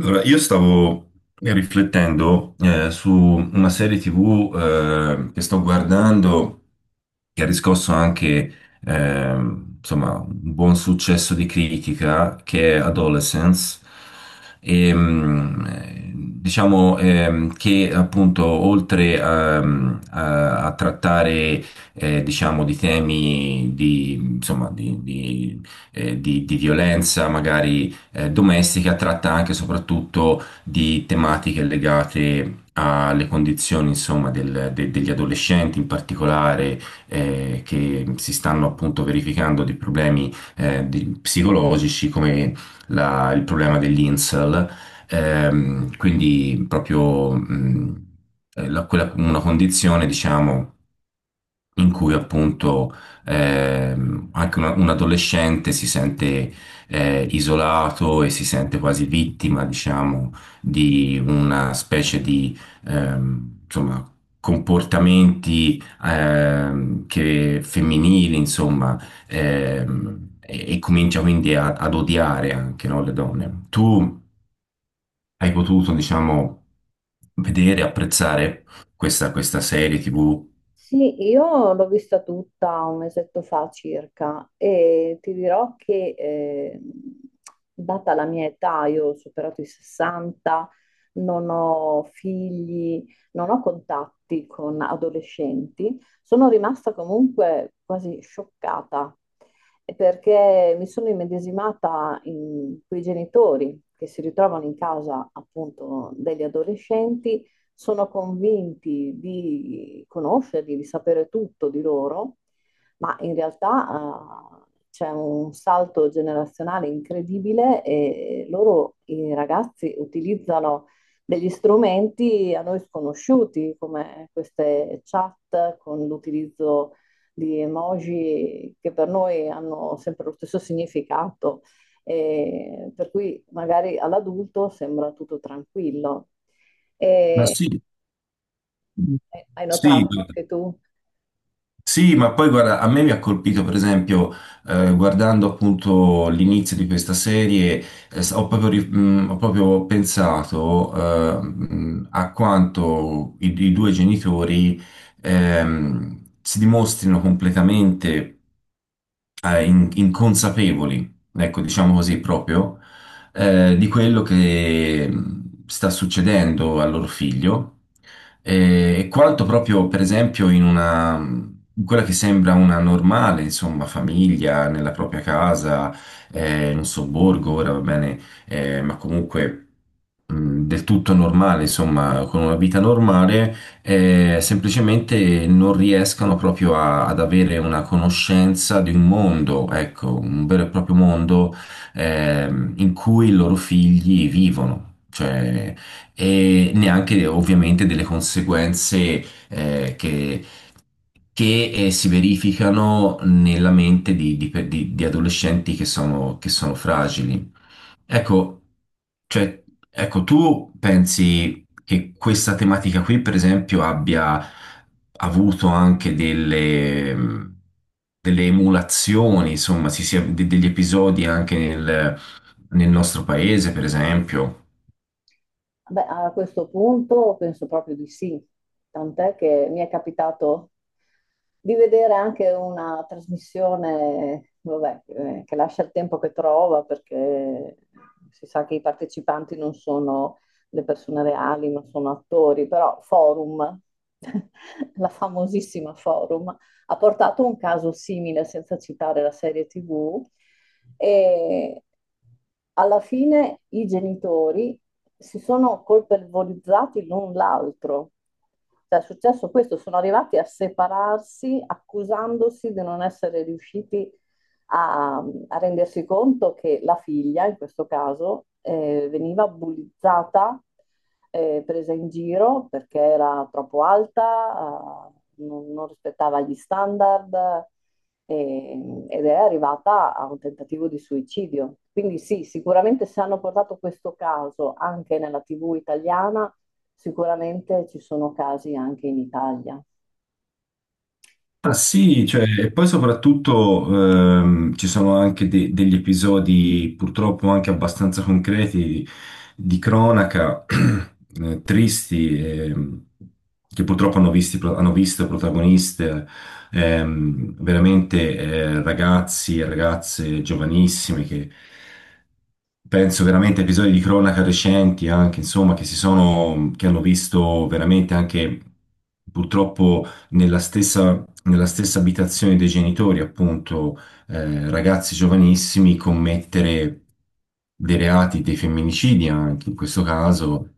Allora, io stavo riflettendo su una serie TV che sto guardando, che ha riscosso anche insomma, un buon successo di critica, che è Adolescence. Diciamo che appunto oltre a trattare, diciamo, di temi di, insomma, di violenza magari domestica, tratta anche e soprattutto di tematiche legate alle condizioni, insomma, degli adolescenti in particolare. Eh, che si stanno appunto verificando dei problemi psicologici, come il problema dell'insel, quindi proprio una condizione, diciamo, in cui appunto anche un adolescente si sente isolato e si sente quasi vittima, diciamo, di una specie di ehm, insomma, comportamenti che, femminili, insomma, e comincia quindi ad odiare anche, no, le donne. Tu hai potuto, diciamo, vedere, apprezzare questa serie TV? Sì, io l'ho vista tutta un mesetto fa circa e ti dirò che data la mia età, io ho superato i 60, non ho figli, non ho contatti con adolescenti, sono rimasta comunque quasi scioccata perché mi sono immedesimata in quei genitori che si ritrovano in casa appunto degli adolescenti, sono convinti di conoscerli, di sapere tutto di loro, ma in realtà c'è un salto generazionale incredibile e loro, i ragazzi, utilizzano degli strumenti a noi sconosciuti, come queste chat con l'utilizzo di emoji che per noi hanno sempre lo stesso significato, e per cui magari all'adulto sembra tutto tranquillo. Ma E sì. hai Sì. notato anche tu? Sì, ma poi guarda, a me mi ha colpito, per esempio, guardando appunto l'inizio di questa serie, ho proprio, ho proprio pensato, a quanto i due genitori si dimostrino completamente inconsapevoli, ecco, diciamo così, proprio, di quello che sta succedendo al loro figlio, e quanto proprio, per esempio, in quella che sembra una normale, insomma, famiglia, nella propria casa, in un sobborgo, ora va bene, ma comunque del tutto normale, insomma, con una vita normale, semplicemente non riescano proprio ad avere una conoscenza di un mondo, ecco, un vero e proprio mondo in cui i loro figli vivono. Cioè, e neanche ovviamente delle conseguenze che, che si verificano nella mente di adolescenti che sono fragili. Ecco, cioè, ecco, tu pensi che questa tematica qui, per esempio, abbia avuto anche delle, delle emulazioni, insomma, si sia, degli episodi anche nel nostro paese, per esempio? Beh, a questo punto penso proprio di sì, tant'è che mi è capitato di vedere anche una trasmissione, vabbè, che lascia il tempo che trova perché si sa che i partecipanti non sono le persone reali, ma sono attori, però Forum, la famosissima Forum, ha portato un caso simile senza citare la serie TV e alla fine i genitori si sono colpevolizzati l'un l'altro. Cioè, è successo questo, sono arrivati a separarsi accusandosi di non essere riusciti a, a rendersi conto che la figlia, in questo caso, veniva bullizzata, presa in giro perché era troppo alta, non rispettava gli standard, ed è arrivata a un tentativo di suicidio. Quindi sì, sicuramente se hanno portato questo caso anche nella TV italiana, sicuramente ci sono casi anche in Italia, Ah que- sì, cioè, e poi soprattutto ci sono anche degli episodi purtroppo anche abbastanza concreti di cronaca, tristi, che purtroppo hanno, hanno visto protagoniste veramente, ragazzi e ragazze giovanissime, che penso veramente a episodi di cronaca recenti anche, insomma, che si sono, che hanno visto veramente anche purtroppo nella stessa abitazione dei genitori, appunto, ragazzi giovanissimi commettere dei reati, dei femminicidi, anche in questo caso,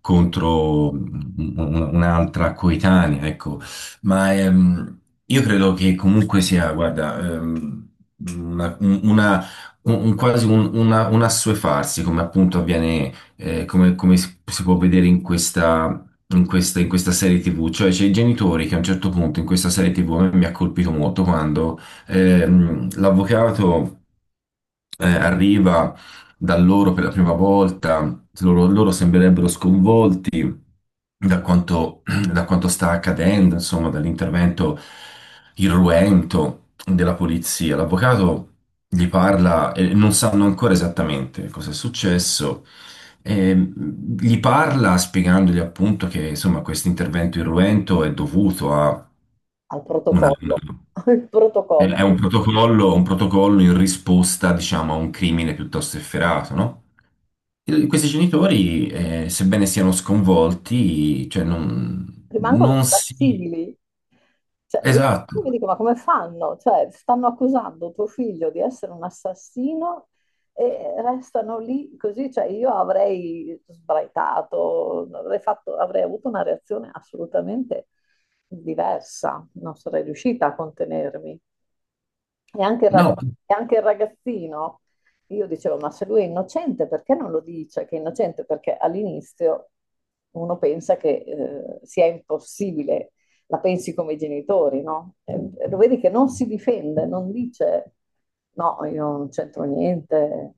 contro un'altra coetanea, ecco. Ma io credo che comunque sia, guarda, una, un- una- quasi un assuefarsi, come appunto avviene, come, come si può vedere in in questa serie TV. Cioè, c'è i genitori che a un certo punto in questa serie TV a me mi ha colpito molto quando l'avvocato arriva da loro per la prima volta, loro sembrerebbero sconvolti, da quanto, da quanto sta accadendo, insomma, dall'intervento irruento della polizia. L'avvocato gli parla e non sanno ancora esattamente cosa è successo, e gli parla spiegandogli appunto che, insomma, questo intervento irruento è dovuto a al una, protocollo. Il protocollo. è un protocollo in risposta, diciamo, a un crimine piuttosto efferato, no? Questi genitori, sebbene siano sconvolti, cioè Rimangono non si... impassibili. Cioè, io Esatto. mi dico, ma come fanno? Cioè, stanno accusando tuo figlio di essere un assassino e restano lì così. Cioè, io avrei sbraitato, avrei avuto una reazione assolutamente diversa, non sarei riuscita a contenermi. E anche il raga- No, e anche il ragazzino, io dicevo, ma se lui è innocente, perché non lo dice che è innocente? Perché all'inizio uno pensa che sia impossibile, la pensi come i genitori, no? E lo vedi che non si difende, non dice, no, io non c'entro niente,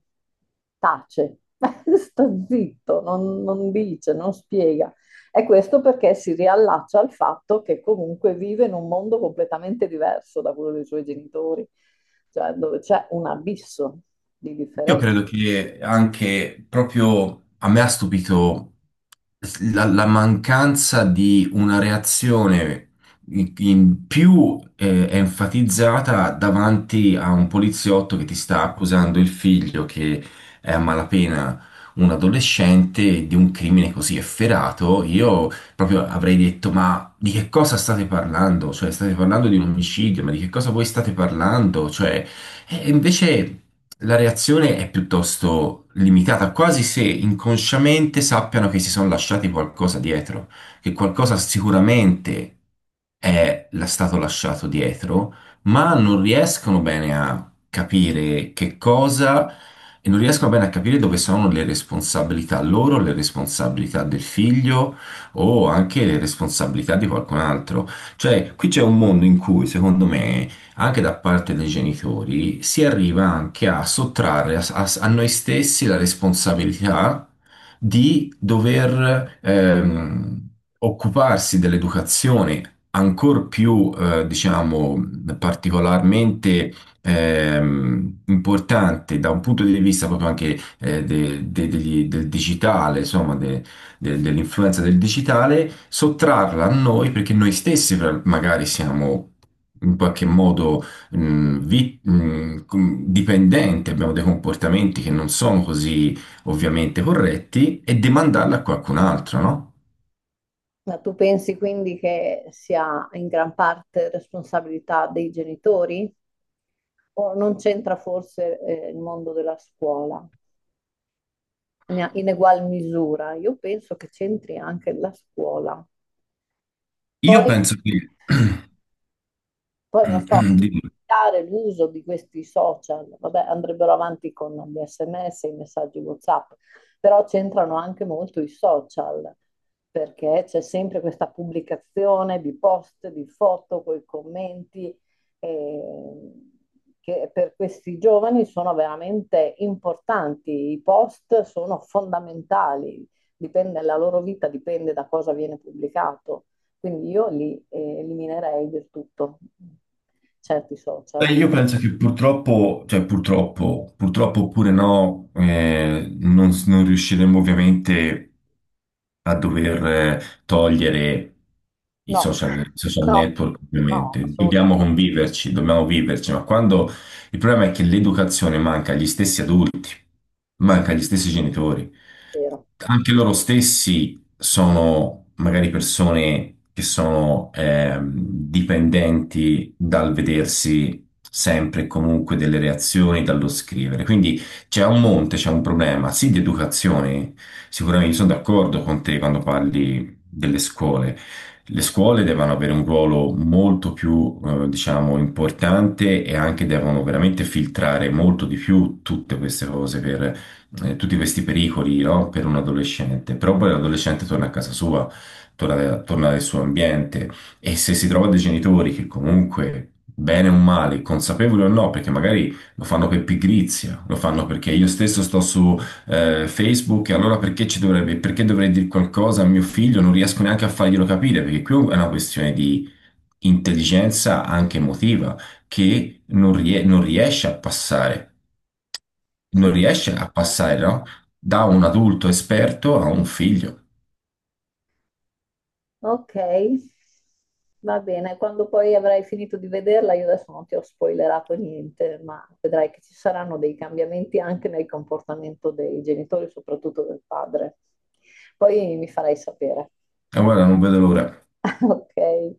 tace, sta zitto, non dice, non spiega. E questo perché si riallaccia al fatto che comunque vive in un mondo completamente diverso da quello dei suoi genitori, cioè dove c'è un abisso di io differenza. credo che anche proprio a me ha stupito la mancanza di una reazione in più enfatizzata davanti a un poliziotto che ti sta accusando il figlio, che è a malapena un adolescente, di un crimine così efferato. Io proprio avrei detto: Ma di che cosa state parlando? Cioè, state parlando di un omicidio, ma di che cosa voi state parlando? Cioè, e invece. La reazione è piuttosto limitata, quasi se inconsciamente sappiano che si sono lasciati qualcosa dietro, che qualcosa sicuramente stato lasciato dietro, ma non riescono bene a capire che cosa, e non riescono bene a capire dove sono le responsabilità loro, le responsabilità del figlio o anche le responsabilità di qualcun altro. Cioè, qui c'è un mondo in cui, secondo me, anche da parte dei genitori, si arriva anche a sottrarre a noi stessi la responsabilità di dover occuparsi dell'educazione, ancor più, diciamo, particolarmente importante da un punto di vista proprio anche del digitale, insomma, dell'influenza del digitale, sottrarla a noi perché noi stessi magari siamo in qualche modo dipendenti, abbiamo dei comportamenti che non sono così ovviamente corretti, e demandarla a qualcun altro, no? Ma tu pensi quindi che sia in gran parte responsabilità dei genitori o non c'entra forse il mondo della scuola in egual misura? Io penso che c'entri anche la scuola. Io Poi penso che... Poi non so, Dimmi. limitare l'uso di questi social, vabbè, andrebbero avanti con gli SMS, i messaggi WhatsApp, però c'entrano anche molto i social, perché c'è sempre questa pubblicazione di post, di foto, con i commenti, eh, che per questi giovani sono veramente importanti. I post sono fondamentali, dipende, la loro vita dipende da cosa viene pubblicato. Quindi io li eliminerei del tutto certi Beh, social. io penso che purtroppo, cioè purtroppo, purtroppo oppure no, non riusciremo ovviamente a dover togliere No, i social no, network, no, ovviamente. Dobbiamo assolutamente conviverci, dobbiamo viverci, ma quando il problema è che l'educazione manca agli stessi adulti, manca agli stessi genitori, vero. anche loro stessi sono magari persone che sono dipendenti dal vedersi sempre e comunque delle reazioni, dallo scrivere. Quindi c'è un monte, c'è un problema, sì, di educazione. Sicuramente sono d'accordo con te quando parli delle scuole. Le scuole devono avere un ruolo molto più, diciamo, importante, e anche devono veramente filtrare molto di più tutte queste cose per tutti questi pericoli, no? Per un adolescente, però poi l'adolescente torna a casa sua, torna nel suo ambiente, e se si trova dei genitori che comunque, bene o male, consapevoli o no, perché magari lo fanno per pigrizia, lo fanno perché io stesso sto su Facebook, e allora perché ci dovrebbe, perché dovrei dire qualcosa a mio figlio? Non riesco neanche a farglielo capire, perché qui è una questione di intelligenza anche emotiva, che non riesce a passare, Sì. non riesce a passare, no? Da un adulto esperto a un figlio. Ok, va bene. Quando poi avrai finito di vederla, io adesso non ti ho spoilerato niente, ma vedrai che ci saranno dei cambiamenti anche nel comportamento dei genitori, soprattutto del padre. Poi mi farai sapere. E guarda, non vedo l'ora. Ok.